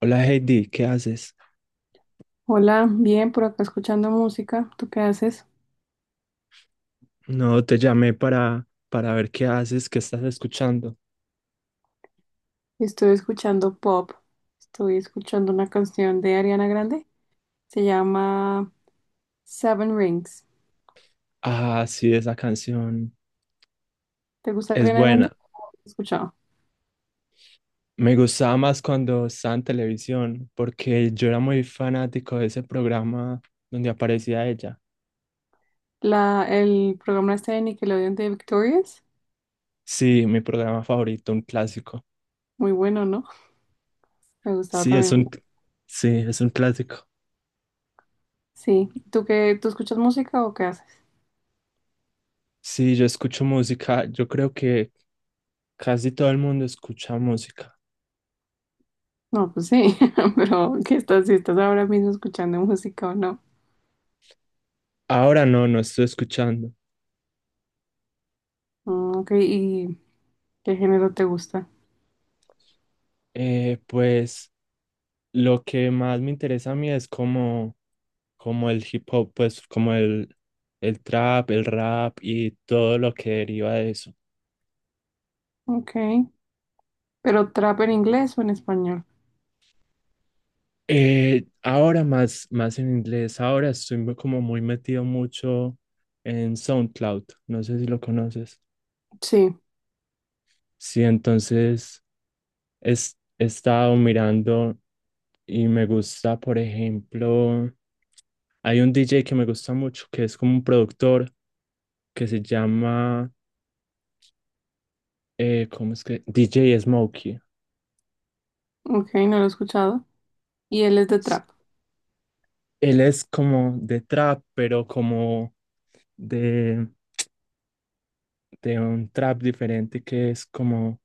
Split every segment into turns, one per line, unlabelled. Hola Heidi, ¿qué haces?
Hola, bien, por acá escuchando música. ¿Tú qué haces?
No, te llamé para ver qué haces, qué estás escuchando.
Estoy escuchando pop. Estoy escuchando una canción de Ariana Grande. Se llama Seven Rings.
Ah, sí, esa canción
¿Te gusta
es
Ariana Grande?
buena.
He escuchado.
Me gustaba más cuando estaba en televisión, porque yo era muy fanático de ese programa donde aparecía ella.
El programa este de Nickelodeon de Victorious.
Sí, mi programa favorito, un clásico.
Muy bueno, ¿no? Me gustaba
Sí, es
también mucho.
un, sí, es un clásico.
Sí. ¿Tú qué? ¿Tú escuchas música o qué haces?
Sí, yo escucho música. Yo creo que casi todo el mundo escucha música.
No, pues sí. Pero ¿qué estás? Si estás ahora mismo escuchando música o no.
Ahora no, no estoy escuchando.
Mm, ok. ¿Y qué género te gusta?
Eh, pues... Lo que más me interesa a mí es como el hip hop, pues el trap, el rap y todo lo que deriva de eso.
Ok. ¿Pero trap en inglés o en español?
Más en inglés, ahora estoy como muy metido mucho en SoundCloud, no sé si lo conoces.
Sí,
Sí, entonces he estado mirando y me gusta, por ejemplo, hay un DJ que me gusta mucho que es como un productor que se llama, ¿cómo es que? DJ Smokey.
ok, no lo he escuchado. Y él es de trap.
Él es como de trap, pero de, de un trap diferente que es como,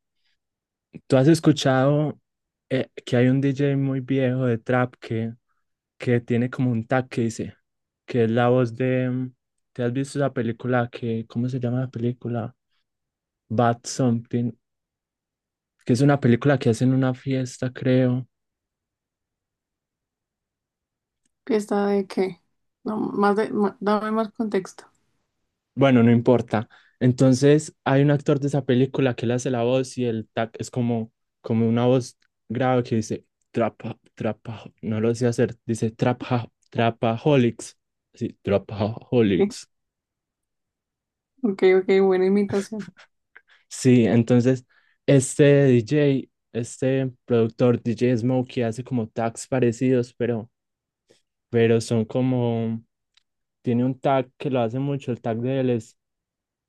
tú has escuchado que hay un DJ muy viejo de que tiene como un tag que dice, que es la voz de, ¿te has visto la película que, ¿cómo se llama la película? Bad Something, que es una película que hacen en una fiesta, creo.
¿Fiesta de qué? No, más de, dame más contexto.
Bueno, no importa. Entonces, hay un actor de esa película que le hace la voz y el tac es como, como una voz grave que dice trapa, trapa, no lo sé hacer, dice trapa, trapaholics. Sí,
Ok,
trapaholics.
ok, ok, buena imitación.
Sí, entonces, este DJ, este productor DJ Smokey hace como tags parecidos, pero son como, tiene un tag que lo hace mucho, el tag de él es,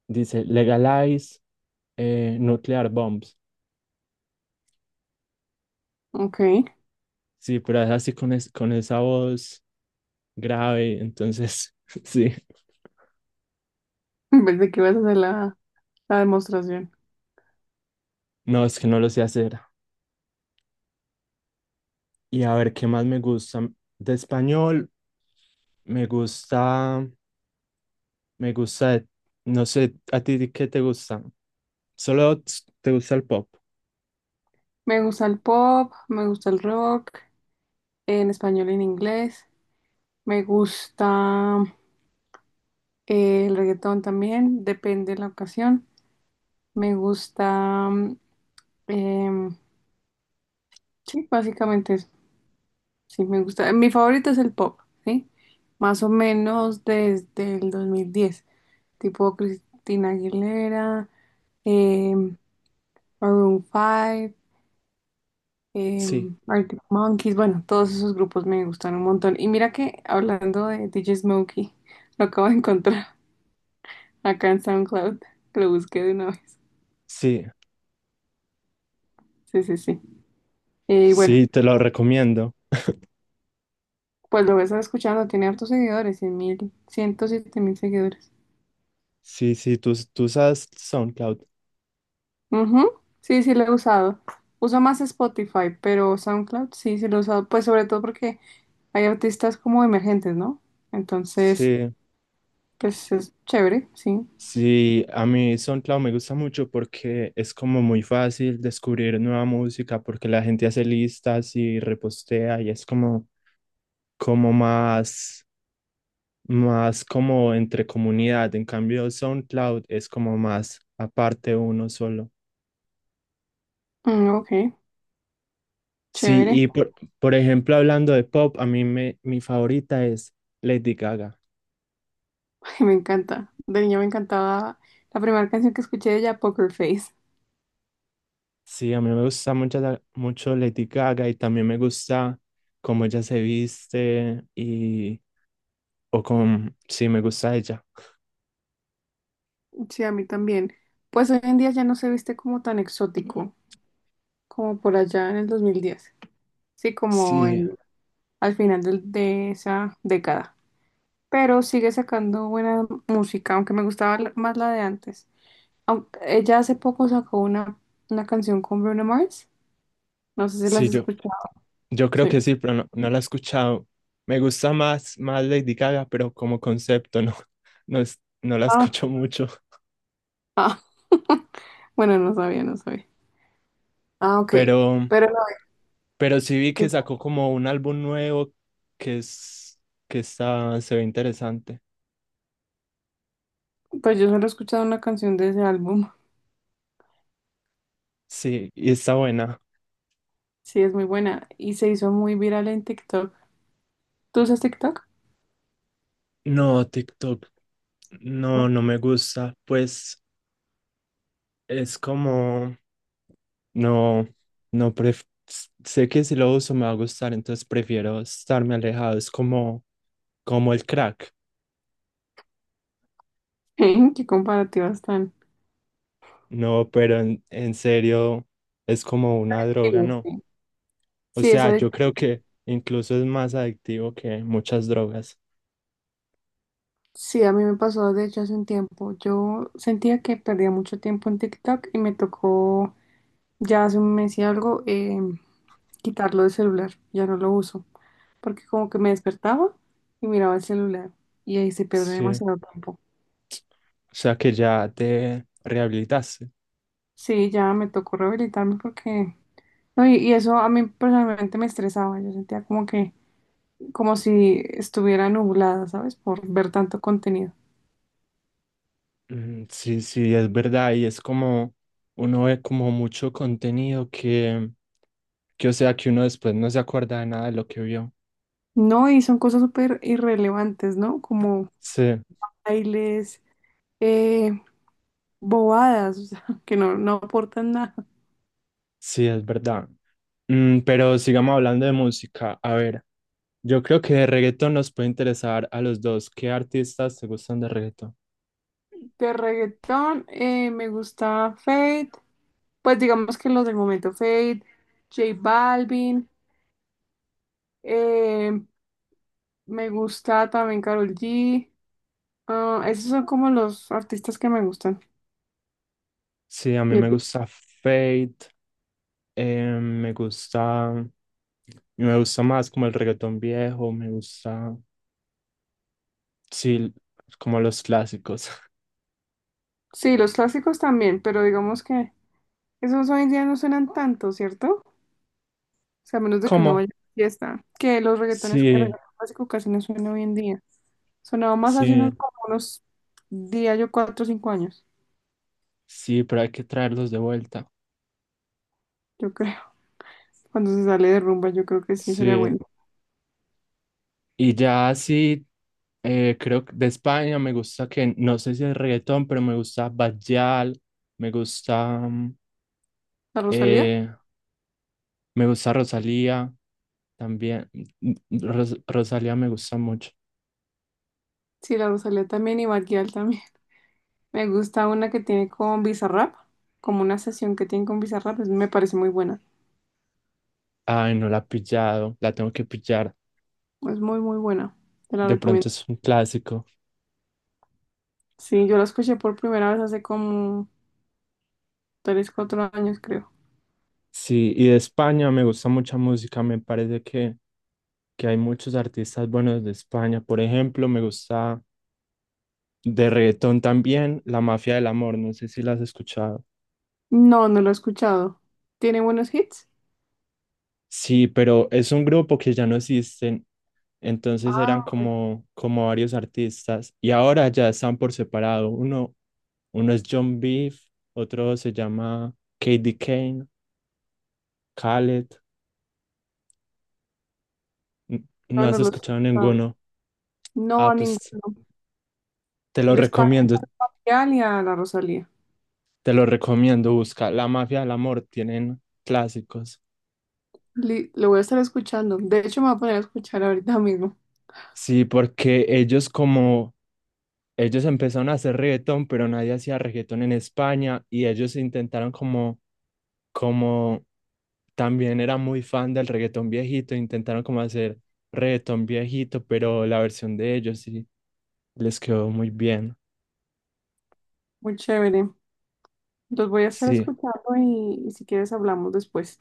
dice legalize nuclear bombs.
Ok,
Sí, pero es así con, con esa voz grave, entonces sí,
pensé que ibas a hacer la demostración.
no, es que no lo sé hacer. Y a ver, ¿qué más me gusta? De español, me gusta, me gusta, no sé, ¿a ti qué te gusta? ¿Solo t- ¿te gusta el pop?
Me gusta el pop, me gusta el rock, en español y en inglés. Me gusta el reggaetón también, depende de la ocasión. Me gusta, em, sí, básicamente sí, me gusta. Mi favorito es el pop, ¿sí? Más o menos desde el 2010. Tipo Cristina Aguilera, eh, Maroon 5, eh,
Sí,
Arctic Monkeys. Bueno, todos esos grupos me gustan un montón. Y mira que hablando de DJ Smokey, lo acabo de encontrar acá en SoundCloud. Lo busqué de una vez.
sí,
Sí, sí, sí. Y bueno,
sí, te lo recomiendo.
pues lo voy a estar escuchando. Tiene hartos seguidores, 100.000, mil seguidores.
Sí, sí, tú usas SoundCloud.
Ujú, sí, sí lo he usado. Uso más Spotify, pero SoundCloud sí, sí lo he usado. Pues sobre todo porque hay artistas como emergentes, ¿no? Entonces,
Sí.
pues es chévere, sí.
Sí, a mí SoundCloud me gusta mucho porque es como muy fácil descubrir nueva música porque la gente hace listas y repostea y es como más, más como entre comunidad. En cambio, SoundCloud es como más aparte uno solo.
Mm, ok,
Sí,
chévere.
y por, por ejemplo, hablando de pop, mi favorita es Lady Gaga.
Ay, me encanta. De niña me encantaba la primera canción que escuché de ella, Poker Face.
Sí, a mí me gusta mucho, mucho Lady Gaga y también me gusta cómo ella se viste y o con sí, me gusta ella.
Sí, a mí también. Pues hoy en día ya no se viste como tan exótico como por allá en el 2010, sí, como
Sí,
en, al final de esa década. Pero sigue sacando buena música, aunque me gustaba más la de antes. Aunque ella hace poco sacó una canción con Bruno Mars, no sé si la has
sí,
escuchado.
yo creo
Sí.
que sí, pero no, no la he escuchado. Me gusta más Lady Gaga, pero como concepto no, no, no la
Ah,
escucho mucho.
ah. Bueno, no sabía, no sabía. Ah, ok,
Pero,
pero no,
pero sí vi que
que,
sacó como un álbum nuevo que es, que está, se ve interesante.
pues yo solo he escuchado una canción de ese álbum,
Sí, y está buena.
sí, es muy buena y se hizo muy viral en TikTok. ¿Tú usas TikTok?
No, TikTok, no,
No.
no me gusta. Pues es como, no, no, pref- sé que si lo uso me va a gustar, entonces prefiero estarme alejado. Es como, como el crack.
¿Qué comparativas tan?
No, pero en serio es como una
Sí,
droga, ¿no?
sí.
O
Sí,
sea,
esa
yo creo que incluso es más adictivo que muchas drogas.
sí, a mí me pasó de hecho hace un tiempo. Yo sentía que perdía mucho tiempo en TikTok y me tocó ya hace un mes y algo, quitarlo del celular. Ya no lo uso porque como que me despertaba y miraba el celular y ahí se pierde
Sí, o
demasiado tiempo.
sea que ya te rehabilitaste.
Sí, ya me tocó rehabilitarme porque... No, y eso a mí personalmente me estresaba. Yo sentía como que, como si estuviera nublada, ¿sabes? Por ver tanto contenido.
Mm, sí, sí, es verdad. Y es como, uno ve como mucho contenido o sea, que uno después no se acuerda de nada de lo que vio.
No, y son cosas súper irrelevantes, ¿no? Como
Sí.
bailes, eh, bobadas, o sea, que no, no aportan nada.
Sí, es verdad. Mm, pero sigamos hablando de música. A ver, yo creo que de reggaetón nos puede interesar a los dos. ¿Qué artistas te gustan de reggaetón?
De reggaetón, me gusta Fate, pues digamos que los del momento Fate, J Balvin, eh, me gusta también Karol G, ah, esos son como los artistas que me gustan.
Sí, a mí
¿Y a
me
ti?
gusta Fate, eh, me gusta, me gusta más como el reggaetón viejo, me gusta, sí, como los clásicos.
Sí, los clásicos también, pero digamos que esos hoy en día no suenan tanto, ¿cierto? O sea, a menos de que uno vaya a
¿Cómo?
una fiesta, que los reggaetones, el
Sí,
reggaetón clásico casi no suena hoy en día. Sonaba más hace
sí,
unos, como unos días, yo 4 o 5 años,
sí, pero hay que traerlos de vuelta.
yo creo. Cuando se sale de rumba, yo creo que sí sería bueno.
Sí. Y ya así creo que de España me gusta que, no sé si es reggaetón, pero me gusta Bajal, me gusta, mm,
¿La Rosalía?
eh, me gusta Rosalía también. Mm, mm, Rosalía me gusta mucho.
Sí, la Rosalía también y Bad Gyal también. Me gusta una que tiene con Bizarrap, como una sesión que tiene con Bizarrap, me parece muy buena.
Ay, no la he pillado, la tengo que pillar.
Es muy, muy buena. Te la
De pronto
recomiendo.
es un clásico.
Sí, yo la escuché por primera vez hace como 3, 4 años, creo.
Sí, y de España me gusta mucha música, me parece que hay muchos artistas buenos de España. Por ejemplo, me gusta de reggaetón también La Mafia del Amor, no sé si la has escuchado.
No, no lo he escuchado. ¿Tiene buenos hits?
Sí, pero es un grupo que ya no existen, entonces eran
Ah,
como, como varios artistas y ahora ya están por separado. Uno, uno es John Beef, otro se llama KD Kane, Khaled.
no,
No
no
has
los he
escuchado
escuchado.
ninguno.
No,
Ah,
a ninguno.
pues te lo
De España
recomiendo,
y a la Rosalía.
te lo recomiendo. Busca La Mafia del Amor, tienen clásicos.
Lo voy a estar escuchando. De hecho, me voy a poner a escuchar ahorita mismo.
Sí, porque ellos como, ellos empezaron a hacer reggaetón, pero nadie hacía reggaetón en España y ellos intentaron como también era muy fan del reggaetón viejito, intentaron como hacer reggaetón viejito, pero la versión de ellos sí les quedó muy bien.
Muy chévere. Los voy a estar
Sí,
escuchando y si quieres hablamos después.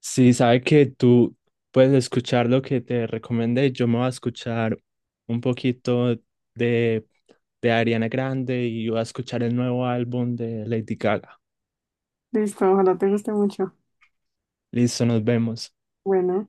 sí, sabe que tú puedes escuchar lo que te recomendé, yo me voy a escuchar un poquito de, de Ariana Grande y voy a escuchar el nuevo álbum de Lady Gaga.
Listo, ojalá te guste mucho.
Listo, nos vemos.
Bueno.